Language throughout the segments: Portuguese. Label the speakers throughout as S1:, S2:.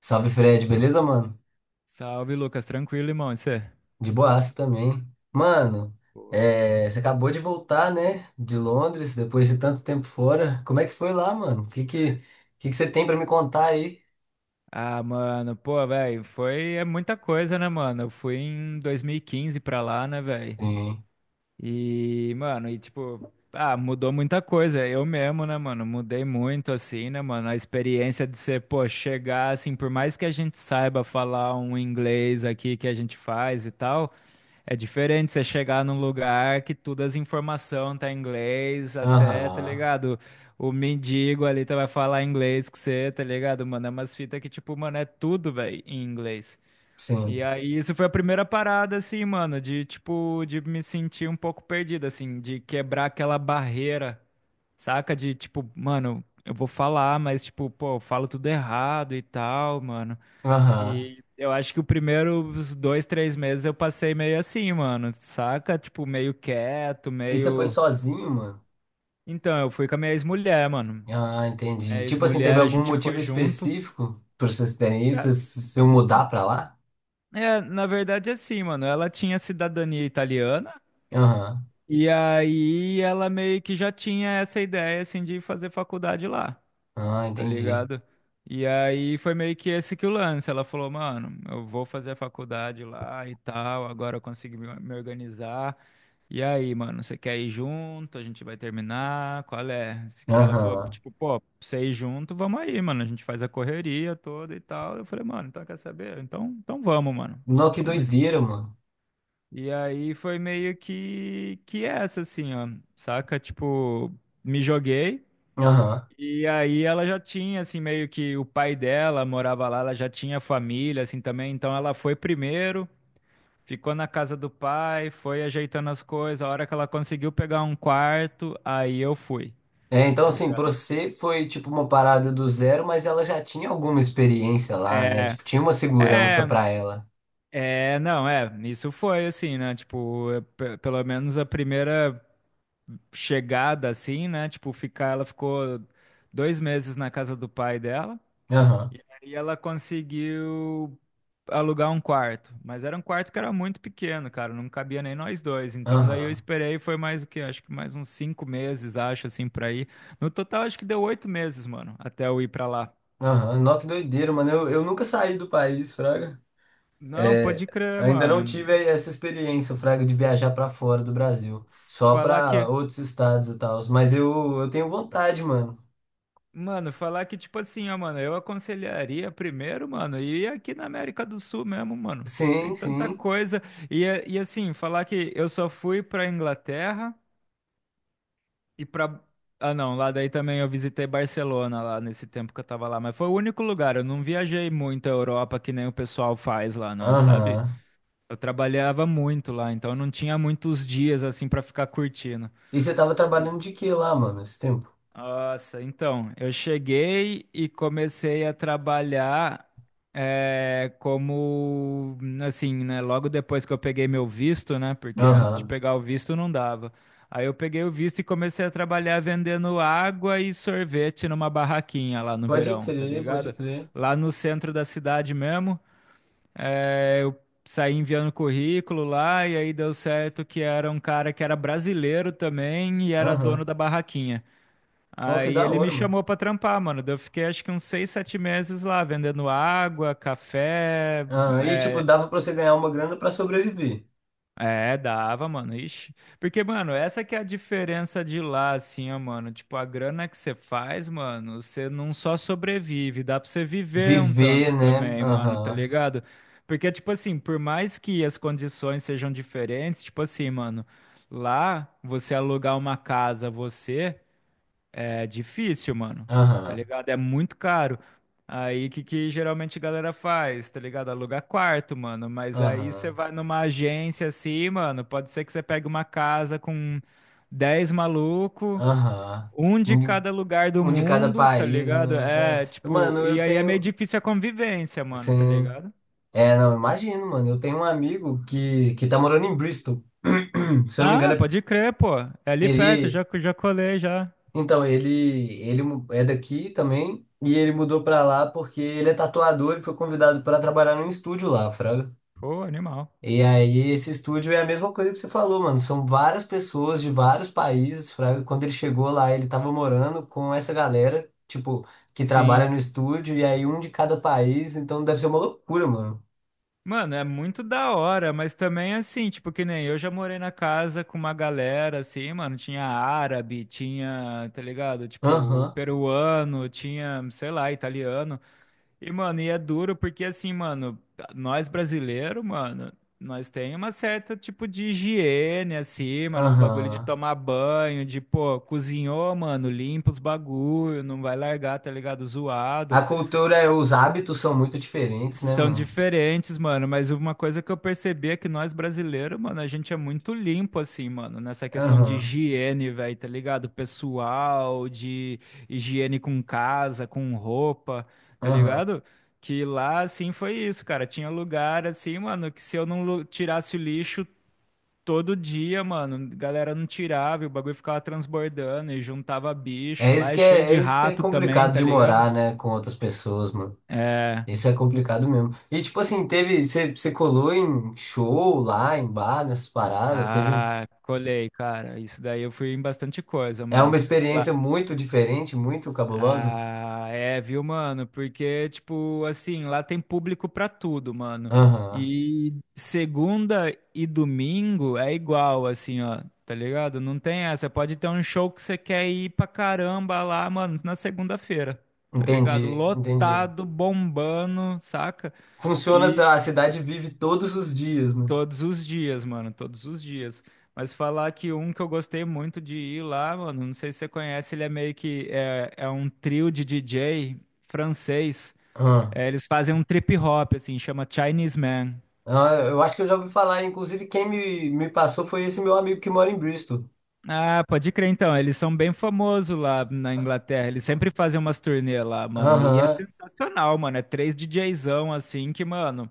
S1: Salve Fred, beleza, mano?
S2: Salve, Lucas. Tranquilo, irmão. E você?
S1: De boaça também. Mano, você acabou de voltar, né? De Londres, depois de tanto tempo fora. Como é que foi lá, mano? O que que você tem pra me contar aí?
S2: Ah, mano, pô, velho, foi é muita coisa, né, mano? Eu fui em 2015 pra lá, né, velho?
S1: Sim.
S2: E, mano, e tipo, ah, mudou muita coisa. Eu mesmo, né, mano? Mudei muito, assim, né, mano? A experiência de ser, pô, chegar, assim, por mais que a gente saiba falar um inglês aqui que a gente faz e tal. É diferente você chegar num lugar que todas as informações tá em inglês, até, tá
S1: Aham.
S2: ligado? O mendigo ali tá, vai falar inglês com você, tá ligado? Mano, é umas fitas que, tipo, mano, é tudo, velho, em inglês. E
S1: Sim.
S2: aí, isso foi a primeira parada, assim, mano, de, tipo, de me sentir um pouco perdido, assim, de quebrar aquela barreira, saca? De, tipo, mano, eu vou falar, mas, tipo, pô, eu falo tudo errado e tal, mano.
S1: Aham.
S2: E eu acho que o primeiro, 2, 3 meses eu passei meio assim, mano, saca? Tipo, meio quieto,
S1: E você foi
S2: meio.
S1: sozinho, mano?
S2: Então, eu fui com a minha ex-mulher, mano.
S1: Ah,
S2: Minha
S1: entendi. Tipo assim, teve
S2: ex-mulher, a
S1: algum
S2: gente
S1: motivo
S2: foi junto.
S1: específico pra vocês terem ido?
S2: Cara,
S1: Vocês se mudar pra lá?
S2: é, na verdade, é assim, mano, ela tinha cidadania italiana
S1: Aham.
S2: e aí ela meio que já tinha essa ideia, assim, de fazer faculdade lá,
S1: Ah,
S2: tá
S1: entendi.
S2: ligado? E aí foi meio que esse que o lance. Ela falou, mano, eu vou fazer a faculdade lá e tal, agora eu consegui me organizar. E aí, mano, você quer ir junto? A gente vai terminar? Qual é? Se que ela falou,
S1: Aham.
S2: tipo, pô, pra você ir junto, vamos aí, mano. A gente faz a correria toda e tal. Eu falei, mano, então quer saber? Então, vamos, mano.
S1: Não, que
S2: Vamos junto.
S1: doideira, mano.
S2: E aí foi meio que essa assim, ó, saca? Tipo, me joguei.
S1: Aham.
S2: E aí ela já tinha assim meio que o pai dela morava lá, ela já tinha família assim também, então ela foi primeiro. Ficou na casa do pai, foi ajeitando as coisas. A hora que ela conseguiu pegar um quarto, aí eu fui,
S1: É, então,
S2: tá
S1: assim, pra
S2: ligado?
S1: você foi tipo uma parada do zero, mas ela já tinha alguma experiência lá, né?
S2: É,
S1: Tipo, tinha uma segurança
S2: é,
S1: pra ela.
S2: é, não, é. Isso foi assim, né? Tipo, é, pelo menos a primeira chegada, assim, né? Tipo, ficar, ela ficou 2 meses na casa do pai dela.
S1: Aham,
S2: E ela conseguiu alugar um quarto, mas era um quarto que era muito pequeno, cara, não cabia nem nós dois. Então daí eu
S1: aham,
S2: esperei, foi mais o quê? Acho que mais uns 5 meses, acho, assim, pra ir. No total, acho que deu 8 meses, mano, até eu ir pra lá.
S1: aham. Nó, que doideira, mano. Eu nunca saí do país, Fraga.
S2: Não,
S1: É,
S2: pode crer,
S1: ainda não tive
S2: mano.
S1: essa experiência, Fraga, de viajar pra fora do Brasil. Só
S2: Falar
S1: pra
S2: que,
S1: outros estados e tal. Mas eu tenho vontade, mano.
S2: mano, falar que, tipo assim, ó, mano, eu aconselharia primeiro, mano, ir aqui na América do Sul mesmo, mano. Tem
S1: Sim,
S2: tanta
S1: sim.
S2: coisa. E assim, falar que eu só fui pra Inglaterra. E pra. Ah, não, lá daí também eu visitei Barcelona lá nesse tempo que eu tava lá, mas foi o único lugar. Eu não viajei muito a Europa que nem o pessoal faz lá, não, sabe?
S1: Aham.
S2: Eu trabalhava muito lá, então eu não tinha muitos dias assim pra ficar curtindo.
S1: E você tava
S2: E,
S1: trabalhando de quê lá, mano, esse tempo?
S2: nossa, então, eu cheguei e comecei a trabalhar como, assim, né, logo depois que eu peguei meu visto, né, porque antes de
S1: Aham.
S2: pegar o visto não dava. Aí eu peguei o visto e comecei a trabalhar vendendo água e sorvete numa barraquinha lá no
S1: Pode
S2: verão, tá
S1: crer, pode
S2: ligado?
S1: crer.
S2: Lá no centro da cidade mesmo, eu saí enviando currículo lá e aí deu certo que era um cara que era brasileiro também e era dono
S1: Aham.
S2: da barraquinha.
S1: Ó, que
S2: Aí
S1: da
S2: ele me
S1: hora, mano.
S2: chamou pra trampar, mano. Daí eu fiquei acho que uns 6, 7 meses lá, vendendo água, café.
S1: Ah, e tipo,
S2: É,
S1: dava pra você ganhar uma grana pra sobreviver.
S2: é, dava, mano. Ixi. Porque, mano, essa que é a diferença de lá, assim, ó, mano. Tipo, a grana que você faz, mano, você não só sobrevive, dá pra você viver um tanto
S1: Viver, né?
S2: também, mano, tá
S1: Aham.
S2: ligado? Porque, tipo assim, por mais que as condições sejam diferentes, tipo assim, mano, lá você alugar uma casa, você. É difícil, mano. Tá
S1: Aham.
S2: ligado? É muito caro. Aí, o que, que geralmente a galera faz? Tá ligado? Aluga quarto, mano. Mas aí você
S1: Aham.
S2: vai numa agência assim, mano. Pode ser que você pegue uma casa com 10 maluco,
S1: Aham.
S2: um de
S1: Um de
S2: cada lugar do
S1: Um de cada
S2: mundo, tá
S1: país,
S2: ligado?
S1: né?
S2: É,
S1: É. Mano,
S2: tipo, e
S1: eu
S2: aí é meio
S1: tenho.
S2: difícil a convivência, mano, tá
S1: Sim.
S2: ligado?
S1: É, não, imagino, mano. Eu tenho um amigo que tá morando em Bristol. Se eu não me
S2: Ah,
S1: engano,
S2: pode crer, pô. É ali perto,
S1: ele.
S2: já, já colei, já.
S1: Então, ele é daqui também. E ele mudou pra lá porque ele é tatuador e foi convidado pra trabalhar num estúdio lá, fraga.
S2: Pô, animal.
S1: E aí, esse estúdio é a mesma coisa que você falou, mano. São várias pessoas de vários países, fraga. Quando ele chegou lá, ele tava morando com essa galera, tipo, que trabalha
S2: Sim.
S1: no estúdio, e aí um de cada país, então deve ser uma loucura, mano.
S2: Mano, é muito da hora, mas também assim, tipo, que nem eu já morei na casa com uma galera, assim, mano, tinha árabe, tinha, tá ligado? Tipo,
S1: Aham,
S2: peruano, tinha, sei lá, italiano. E, mano, e é duro porque, assim, mano, nós brasileiros, mano, nós tem uma certa, tipo, de higiene, assim, mano, os bagulho de
S1: aham.
S2: tomar banho, de, pô, cozinhou, mano, limpa os bagulho, não vai largar, tá ligado?
S1: A
S2: Zoado.
S1: cultura, os hábitos são muito diferentes, né,
S2: São
S1: mano?
S2: diferentes, mano, mas uma coisa que eu percebi é que nós brasileiros, mano, a gente é muito limpo, assim, mano, nessa questão de
S1: Aham,
S2: higiene, velho, tá ligado? Pessoal, de higiene com casa, com roupa, tá
S1: aham.
S2: ligado? Que lá, assim, foi isso, cara. Tinha lugar, assim, mano, que se eu não tirasse o lixo todo dia, mano, a galera não tirava e o bagulho ficava transbordando e juntava bicho. Lá é cheio
S1: É
S2: de
S1: isso que é
S2: rato também,
S1: complicado
S2: tá
S1: de
S2: ligado?
S1: morar, né, com outras pessoas, mano.
S2: É.
S1: Isso é complicado mesmo. E tipo assim, teve. Você colou em show lá, em bar, nessas paradas, teve.
S2: Ah, colei, cara. Isso daí eu fui em bastante coisa,
S1: É uma
S2: mano. Lá...
S1: experiência muito diferente, muito cabulosa.
S2: Ah, é, viu, mano? Porque, tipo, assim, lá tem público pra tudo, mano.
S1: Aham.
S2: E segunda e domingo é igual, assim, ó. Tá ligado? Não tem essa. Pode ter um show que você quer ir pra caramba lá, mano, na segunda-feira. Tá
S1: Entendi,
S2: ligado?
S1: entendi.
S2: Lotado, bombando, saca?
S1: Funciona, tá, a cidade vive todos os dias, né?
S2: Todos os dias, mano, todos os dias. Mas falar que um que eu gostei muito de ir lá, mano, não sei se você conhece, ele é meio que é um trio de DJ francês.
S1: Ah.
S2: É, eles fazem um trip hop, assim, chama Chinese Man.
S1: Ah, eu acho que eu já ouvi falar, inclusive quem me passou foi esse meu amigo que mora em Bristol.
S2: Ah, pode crer então, eles são bem famosos lá na Inglaterra. Eles sempre fazem umas turnê lá, mano. E é
S1: Aham.
S2: sensacional, mano. É três DJzão assim que, mano,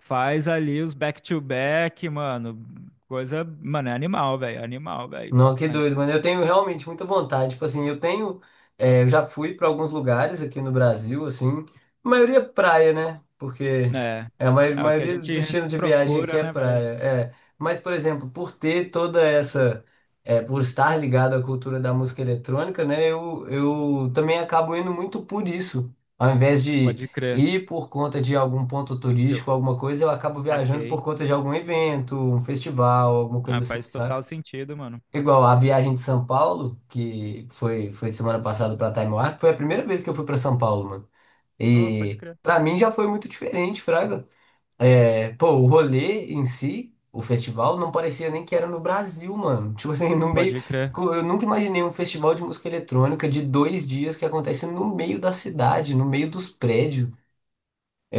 S2: faz ali os back-to-back, mano. Coisa, mano, é animal, velho. Animal, velho.
S1: Não, que doido, mano. Eu tenho realmente muita vontade. Tipo assim, eu tenho. É, eu já fui para alguns lugares aqui no Brasil, assim. A maioria é praia, né? Porque
S2: É,
S1: é, a
S2: é o que a
S1: maioria do
S2: gente
S1: destino de viagem aqui
S2: procura,
S1: é
S2: né, velho?
S1: praia. É. Mas, por exemplo, por ter toda essa. É, por estar ligado à cultura da música eletrônica, né? Eu também acabo indo muito por isso. Ao invés de
S2: Pode crer.
S1: ir por conta de algum ponto
S2: Jo-
S1: turístico, alguma coisa, eu acabo viajando por
S2: Saquei.
S1: conta de algum evento, um festival, alguma coisa
S2: Ah,
S1: assim,
S2: faz
S1: saca?
S2: total sentido, mano.
S1: Igual a viagem de São Paulo, que foi semana passada para Taimuá, que foi a primeira vez que eu fui para São Paulo, mano.
S2: Oh, pode
S1: E
S2: crer.
S1: para mim já foi muito diferente, Fraga. É, pô, o rolê em si, o festival, não parecia nem que era no Brasil, mano. Tipo assim, no meio.
S2: Pode crer.
S1: Eu nunca imaginei um festival de música eletrônica de 2 dias que acontece no meio da cidade, no meio dos prédios.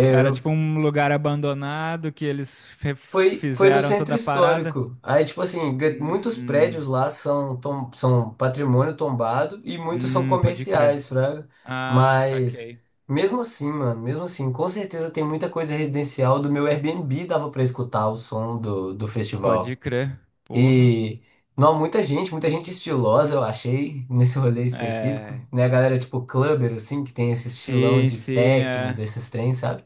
S2: Era tipo um lugar abandonado que eles
S1: Foi no
S2: fizeram
S1: centro
S2: toda a parada.
S1: histórico. Aí, tipo assim, muitos prédios
S2: Hum,
S1: lá são, são patrimônio tombado e muitos são
S2: pode crer.
S1: comerciais, fraga.
S2: Ah,
S1: Mas,
S2: saquei.
S1: mesmo assim, mano, mesmo assim, com certeza tem muita coisa residencial. Do meu Airbnb dava pra escutar o som do festival.
S2: Pode crer. Porra.
S1: E, não, muita gente estilosa, eu achei, nesse rolê específico.
S2: É.
S1: Né, a galera, tipo, clubber, assim, que tem esse estilão
S2: Sim,
S1: de
S2: sim,
S1: techno,
S2: é.
S1: desses trens, sabe?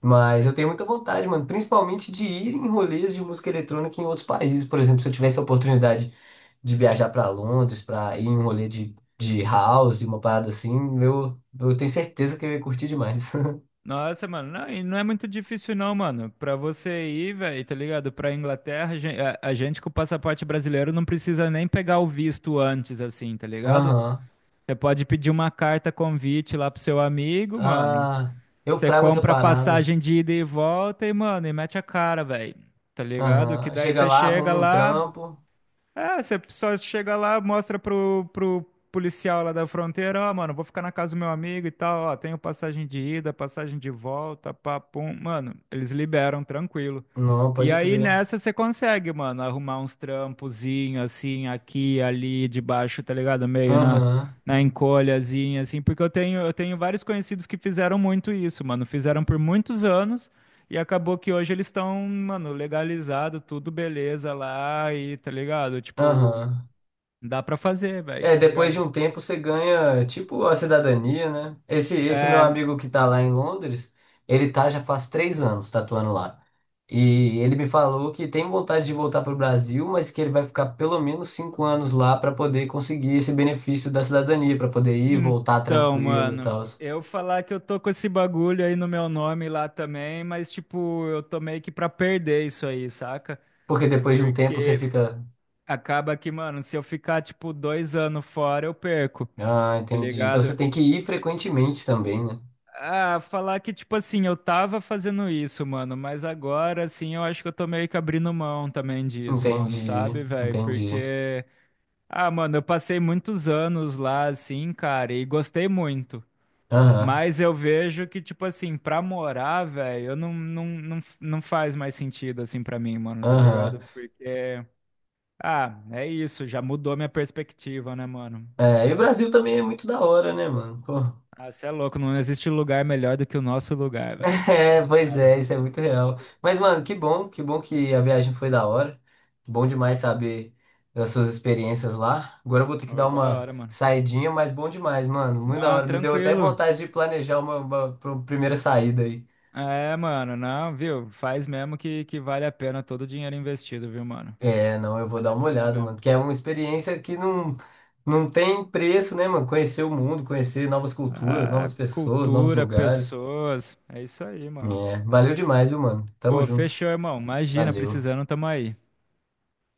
S1: Mas eu tenho muita vontade, mano, principalmente de ir em rolês de música eletrônica em outros países. Por exemplo, se eu tivesse a oportunidade de viajar pra Londres, pra ir em um rolê de house, uma parada assim, eu tenho certeza que eu ia curtir demais.
S2: Nossa, mano, não, e não é muito difícil não, mano. Pra você ir, velho, tá ligado? Pra Inglaterra, a a gente com o passaporte brasileiro não precisa nem pegar o visto antes, assim, tá ligado?
S1: Aham.
S2: Você pode pedir uma carta convite lá pro seu amigo, mano.
S1: Ah, eu
S2: Você
S1: frago essa
S2: compra a
S1: parada.
S2: passagem de ida e volta e, mano, e mete a cara, velho. Tá ligado? Que
S1: Aham.
S2: daí
S1: Chega
S2: você
S1: lá,
S2: chega
S1: arruma um
S2: lá,
S1: trampo.
S2: é, você só chega lá, mostra pro policial lá da fronteira, ó, mano, vou ficar na casa do meu amigo e tal, ó, tenho passagem de ida, passagem de volta, pá, pum. Mano, eles liberam, tranquilo.
S1: Não,
S2: E
S1: pode
S2: aí
S1: crer.
S2: nessa você consegue, mano, arrumar uns trampozinhos assim, aqui, ali, debaixo, tá ligado? Meio na,
S1: Aham.
S2: na encolhazinha, assim, porque eu tenho vários conhecidos que fizeram muito isso, mano, fizeram por muitos anos. E acabou que hoje eles estão, mano, legalizado, tudo beleza lá e tá ligado? Tipo,
S1: Aham.
S2: dá pra fazer, velho,
S1: É,
S2: tá
S1: depois de
S2: ligado?
S1: um tempo você ganha, tipo, a cidadania, né? Esse meu
S2: É,
S1: amigo que tá lá em Londres, ele tá já faz 3 anos tatuando lá. E ele me falou que tem vontade de voltar pro Brasil, mas que ele vai ficar pelo menos 5 anos lá para poder conseguir esse benefício da cidadania, para poder ir e voltar
S2: então,
S1: tranquilo e
S2: mano,
S1: tal.
S2: eu falar que eu tô com esse bagulho aí no meu nome lá também, mas tipo, eu tô meio que pra perder isso aí, saca?
S1: Porque depois de um tempo você
S2: Porque
S1: fica.
S2: acaba que, mano, se eu ficar tipo 2 anos fora, eu perco,
S1: Ah,
S2: tá
S1: entendi. Então você
S2: ligado?
S1: tem que ir frequentemente também, né?
S2: Ah, falar que, tipo assim, eu tava fazendo isso, mano, mas agora, assim, eu acho que eu tô meio que abrindo mão também disso, mano,
S1: Entendi,
S2: sabe, velho?
S1: entendi.
S2: Porque, ah, mano, eu passei muitos anos lá, assim, cara, e gostei muito.
S1: Aham,
S2: Mas eu vejo que, tipo assim, pra morar, velho, eu não, não, não, não faz mais sentido, assim, pra mim, mano, tá
S1: aham.
S2: ligado? Porque, ah, é isso, já mudou minha perspectiva, né, mano?
S1: É, e o
S2: Então,
S1: Brasil também é muito da hora, né, mano? Pô.
S2: ah, cê é louco, não existe lugar melhor do que o nosso lugar, velho.
S1: É, pois é, isso é muito real. Mas, mano, que bom, que bom que a viagem foi da hora. Bom demais saber das suas experiências lá. Agora eu vou ter que dar
S2: Ô, da
S1: uma
S2: hora, mano.
S1: saidinha, mas bom demais, mano. Muito da
S2: Não,
S1: hora. Me deu até
S2: tranquilo.
S1: vontade de planejar uma primeira saída aí.
S2: É, mano, não, viu? Faz mesmo que vale a pena todo o dinheiro investido, viu, mano?
S1: É, não, eu vou
S2: Vale
S1: dar
S2: a
S1: uma
S2: pena
S1: olhada, mano.
S2: mesmo.
S1: Que é uma experiência que não tem preço, né, mano? Conhecer o mundo, conhecer novas culturas, novas
S2: Ah,
S1: pessoas, novos
S2: cultura,
S1: lugares.
S2: pessoas, é isso aí, mano.
S1: É, valeu demais, viu, mano? Tamo
S2: Pô,
S1: junto.
S2: fechou, irmão. Imagina,
S1: Valeu.
S2: precisando, tamo aí.